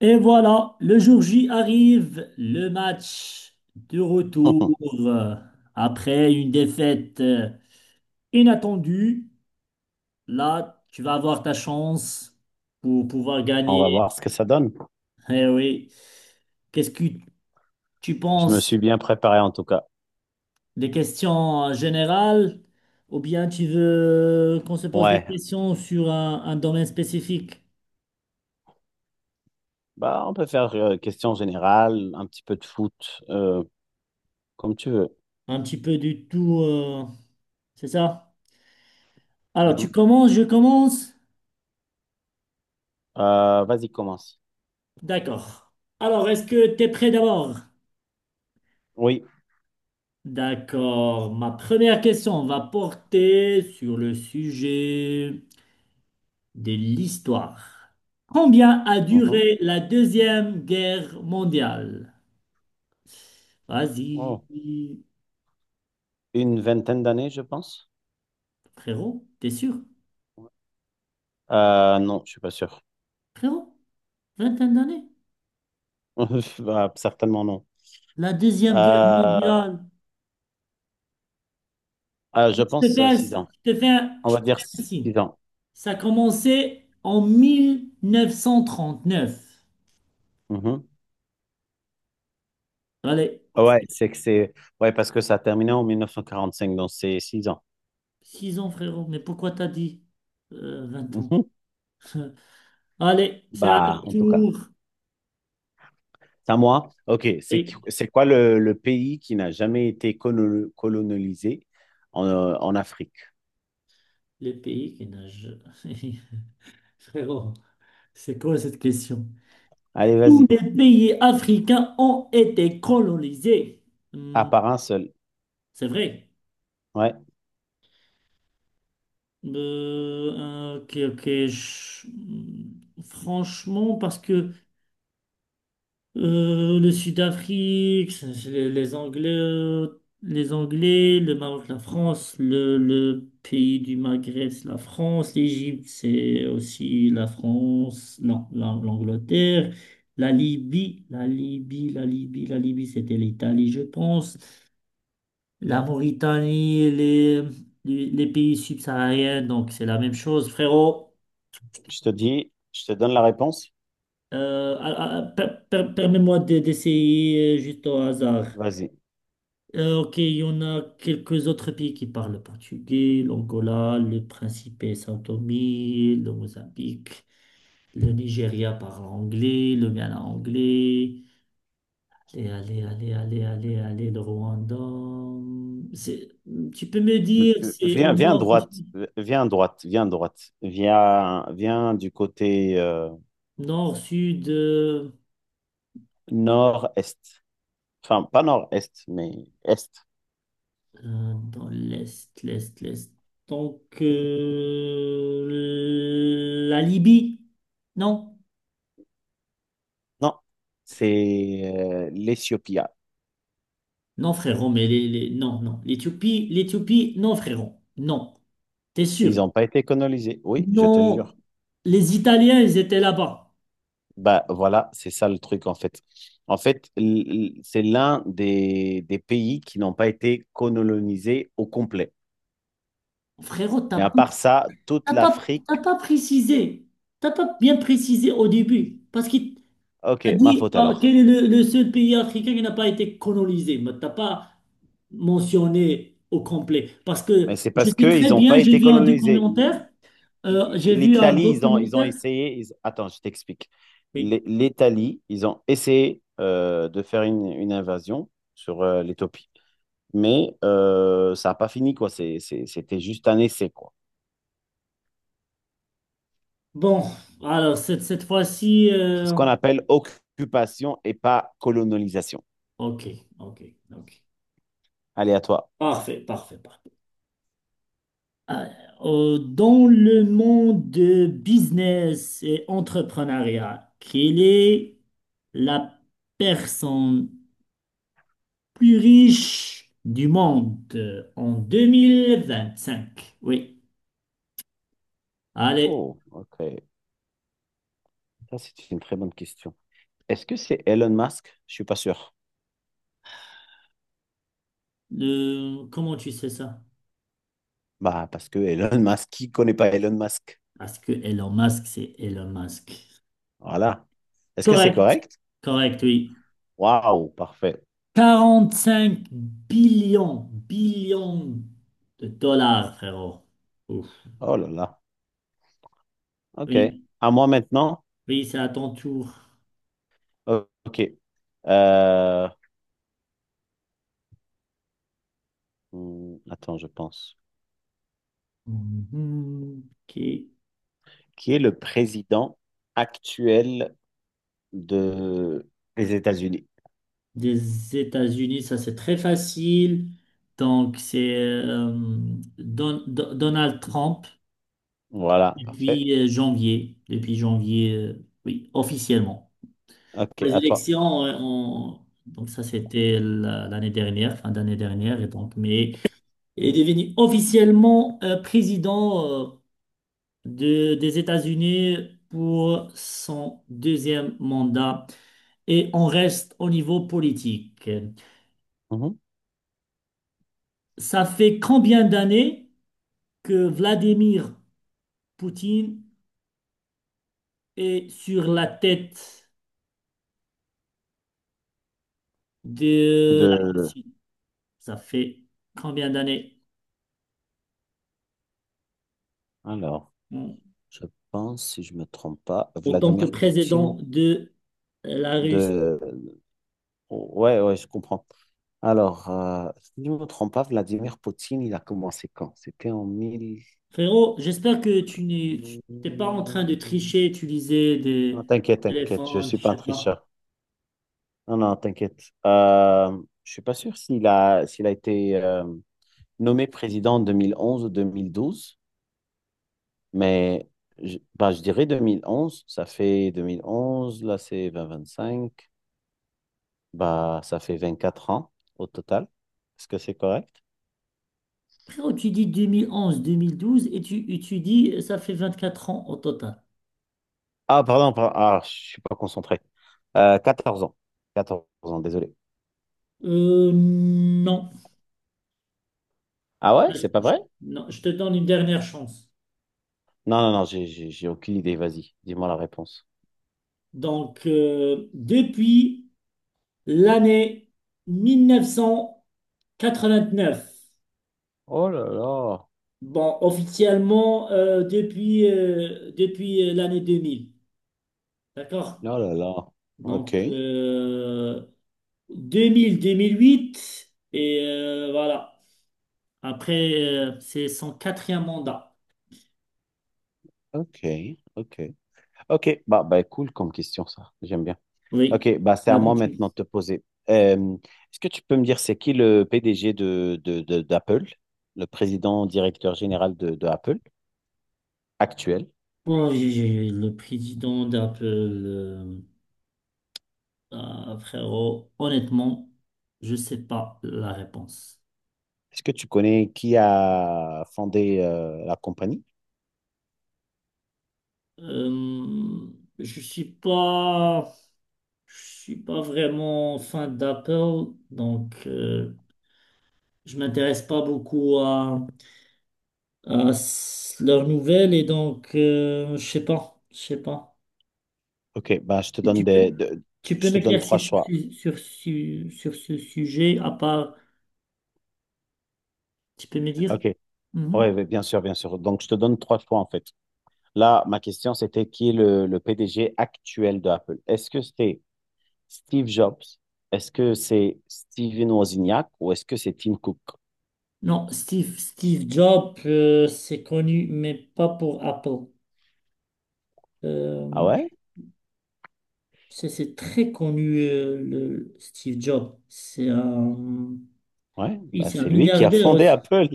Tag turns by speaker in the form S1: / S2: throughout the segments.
S1: Et voilà, le jour J arrive, le match de retour euh, après une défaite inattendue. Là, tu vas avoir ta chance pour pouvoir
S2: On va
S1: gagner.
S2: voir ce que ça donne.
S1: Eh oui. Qu'est-ce que tu
S2: Je me suis
S1: penses
S2: bien préparé en tout cas.
S1: des questions générales ou bien tu veux qu'on se pose des
S2: Ouais,
S1: questions sur un domaine spécifique?
S2: bah on peut faire question générale, un petit peu de foot, comme tu veux.
S1: Un petit peu du tout, c'est ça? Alors, tu
S2: Mhm.
S1: commences, je commence.
S2: Vas-y, commence.
S1: D'accord. Alors, est-ce que tu es prêt d'abord?
S2: Oui.
S1: D'accord. Ma première question va porter sur le sujet de l'histoire. Combien a
S2: Mhm.
S1: duré la Deuxième Guerre mondiale? Vas-y,
S2: Oh. Une vingtaine d'années, je pense.
S1: frérot, t'es sûr?
S2: Non, je suis pas sûr.
S1: Frérot, vingtaine d'années?
S2: Bah, certainement non.
S1: La Deuxième Guerre
S2: Euh,
S1: mondiale.
S2: je
S1: Je
S2: pense 6 ans. On
S1: je
S2: va
S1: te
S2: dire
S1: fais un signe.
S2: 6 ans.
S1: Ça a commencé en 1939.
S2: Mhm.
S1: Allez.
S2: Ouais, c'est que c'est ouais parce que ça a terminé en 1945, donc c'est 6 ans.
S1: 6 ans, frérot, mais pourquoi t'as dit 20 ans?
S2: Mhm.
S1: Allez, c'est à ton
S2: Bah, en tout cas.
S1: tour.
S2: C'est à moi? Ok. C'est,
S1: Et
S2: c'est quoi le pays qui n'a jamais été colonisé en Afrique?
S1: le pays qui nage. Frérot, c'est quoi cette question?
S2: Allez,
S1: Tous
S2: vas-y.
S1: les pays africains ont été colonisés.
S2: À
S1: Hmm,
S2: part un seul.
S1: c'est vrai.
S2: Ouais.
S1: Ok, ok. Franchement, parce que le Sud-Afrique, c'est les Anglais, le Maroc, la France, le pays du Maghreb, c'est la France, l'Égypte, c'est aussi la France, non, l'Angleterre, la Libye, c'était l'Italie, je pense, la Mauritanie, les pays subsahariens, donc c'est la même chose, frérot.
S2: Je te dis, je te donne la réponse.
S1: Permets-moi d'essayer juste au hasard.
S2: Vas-y.
S1: Ok, il y en a quelques autres pays qui parlent le portugais, l'Angola, le Principe et Sao Tomé, le Mozambique, le Nigeria parle anglais, le Ghana anglais, allez, allez, allez, allez, allez, allez, le Rwanda. C'est- Tu peux me dire, c'est
S2: Viens,
S1: au
S2: viens à
S1: nord,
S2: droite. Viens à droite. Viens à droite. Viens, viens du côté
S1: nord, sud,
S2: nord-est. Enfin, pas nord-est, mais est.
S1: dans l'est, l'est, l'est. Donc, la Libye, non?
S2: Non. C'est l'Éthiopie. Ah,
S1: Non, frérot, mais non, non. L'Éthiopie, l'Éthiopie, non, frérot. Non. T'es
S2: ils
S1: sûr?
S2: n'ont pas été colonisés. Oui, je te jure.
S1: Non. Les Italiens, ils étaient là-bas.
S2: Bah voilà, c'est ça le truc en fait. En fait, c'est l'un des pays qui n'ont pas été colonisés au complet.
S1: Frérot,
S2: Mais à part ça, toute
S1: t'as
S2: l'Afrique,
S1: pas précisé. T'as pas bien précisé au début. Parce que
S2: ok,
S1: t'as
S2: ma
S1: dit,
S2: faute
S1: ah,
S2: alors.
S1: quel est le seul pays africain qui n'a pas été colonisé. Mais t'as pas mentionné au complet. Parce
S2: Mais
S1: que
S2: c'est
S1: je
S2: parce
S1: sais
S2: qu'ils
S1: très
S2: n'ont
S1: bien,
S2: pas
S1: j'ai
S2: été
S1: vu un
S2: colonisés.
S1: documentaire. euh, j'ai vu un
S2: L'Italie, ils ont
S1: documentaire.
S2: essayé. Attends, je t'explique.
S1: Oui.
S2: L'Italie, ils ont essayé de faire une invasion sur l'Éthiopie. Mais ça n'a pas fini, quoi. C'était juste un essai, quoi.
S1: Bon, alors cette fois-ci.
S2: C'est ce qu'on appelle occupation et pas colonisation.
S1: Ok, ok, ok.
S2: Allez, à toi.
S1: Parfait, parfait, parfait. Ah, dans le monde de business et entrepreneuriat, quelle est la personne plus riche du monde en 2025? Oui. Allez,
S2: Oh, ok. Ça, c'est une très bonne question. Est-ce que c'est Elon Musk? Je suis pas sûr.
S1: comment tu sais ça?
S2: Bah, parce que Elon Musk, qui connaît pas Elon Musk?
S1: Parce que Elon Musk, c'est Elon Musk.
S2: Voilà. Est-ce que c'est
S1: Correct,
S2: correct?
S1: correct, oui.
S2: Waouh, parfait.
S1: 45 billions de dollars, frérot. Ouf.
S2: Oh là là. Ok.
S1: Oui,
S2: À moi maintenant?
S1: oui, c'est à ton tour.
S2: Ok. Euh, Attends, je pense.
S1: Mhm. Ok.
S2: Qui est le président actuel de... des États-Unis?
S1: Des États-Unis, ça c'est très facile. Donc c'est Donald Trump
S2: Voilà, parfait.
S1: depuis janvier, oui, officiellement.
S2: Ok,
S1: Les
S2: à toi.
S1: élections, donc ça c'était l'année dernière, fin d'année dernière, et donc mais il est devenu officiellement président des États-Unis pour son deuxième mandat. Et on reste au niveau politique.
S2: Mhm.
S1: Ça fait combien d'années que Vladimir Poutine est sur la tête de la
S2: de,
S1: Russie? Ça fait combien d'années
S2: alors,
S1: en
S2: je pense, si je me trompe pas,
S1: en tant que
S2: Vladimir Poutine
S1: président de la
S2: de,
S1: Russie?
S2: ouais, ouais, je comprends. Alors, si je me trompe pas, Vladimir Poutine, il a commencé quand? C'était en mille.
S1: Frérot, j'espère que t'es pas en
S2: Non,
S1: train de tricher, utiliser des
S2: t'inquiète, t'inquiète, je
S1: téléphones,
S2: suis
S1: je
S2: pas un
S1: sais pas.
S2: tricheur. Non, non, t'inquiète. Je suis pas sûr s'il a été nommé président en 2011 ou 2012, mais bah, je dirais 2011. Ça fait 2011, là c'est 2025. Bah, ça fait 24 ans au total. Est-ce que c'est correct?
S1: Frérot, tu dis 2011, 2012 et tu dis ça fait 24 ans au total.
S2: Ah, pardon, ah, je suis pas concentré. 14 ans. 14 ans, désolé.
S1: Non.
S2: Ah ouais,
S1: Je-
S2: c'est pas vrai?
S1: Non, je te donne une dernière chance.
S2: Non, non, non, j'ai aucune idée. Vas-y, dis-moi la réponse.
S1: Donc, depuis l'année 1989,
S2: Oh là là.
S1: bon, officiellement depuis l'année 2000. D'accord?
S2: Oh là là. Ok,
S1: Donc, 2000-2008, et voilà. Après, c'est son quatrième mandat.
S2: ok, ok. Ok, bah cool comme question ça. J'aime bien.
S1: Oui,
S2: Ok, bah c'est à moi
S1: l'habitude.
S2: maintenant de te poser. Est-ce que tu peux me dire c'est qui le PDG d'Apple, le président directeur général de Apple actuel?
S1: Bon, le président d'Apple, ah, frérot, honnêtement, je sais pas la réponse.
S2: Est-ce que tu connais qui a fondé la compagnie?
S1: Euh, je suis pas, je suis pas vraiment fan d'Apple, donc je m'intéresse pas beaucoup à leurs nouvelles et donc je sais pas.
S2: Ok, bah,
S1: Tu peux, Tu peux
S2: je te donne trois
S1: m'éclaircir
S2: choix.
S1: sur ce sujet, à part, tu peux me dire?
S2: Ok, ouais,
S1: Mhm.
S2: ouais, bien sûr, bien sûr. Donc, je te donne trois choix en fait. Là, ma question, c'était qui est le PDG actuel de Apple? Est-ce que c'est Steve Jobs? Est-ce que c'est Steven Wozniak? Ou est-ce que c'est Tim Cook?
S1: Non, Steve Jobs, c'est connu, mais pas pour Apple.
S2: Ah
S1: Euh,
S2: ouais?
S1: c'est très connu, le Steve Jobs.
S2: Ouais,
S1: Oui,
S2: bah,
S1: c'est un
S2: c'est lui qui a
S1: milliardaire
S2: fondé
S1: aussi.
S2: Apple.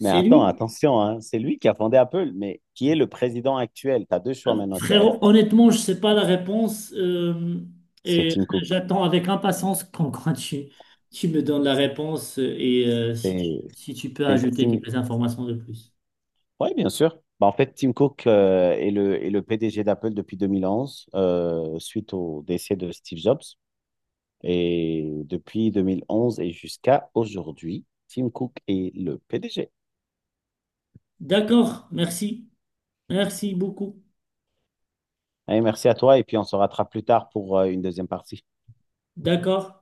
S2: Mais attends,
S1: lui?
S2: attention, hein, c'est lui qui a fondé Apple, mais qui est le président actuel? Tu as deux choix maintenant qui
S1: Frérot,
S2: restent.
S1: honnêtement, je sais pas la réponse
S2: C'est
S1: et
S2: Tim Cook.
S1: j'attends avec impatience quand tu me donnes la réponse et
S2: C'est
S1: si tu peux
S2: c'est
S1: ajouter
S2: Tim...
S1: quelques informations de plus.
S2: Oui, bien sûr. Bah, en fait, Tim Cook est le PDG d'Apple depuis 2011, suite au décès de Steve Jobs. Et depuis 2011 et jusqu'à aujourd'hui, Tim Cook est le PDG.
S1: D'accord, merci. Merci beaucoup.
S2: Allez, merci à toi et puis on se rattrape plus tard pour une deuxième partie.
S1: D'accord.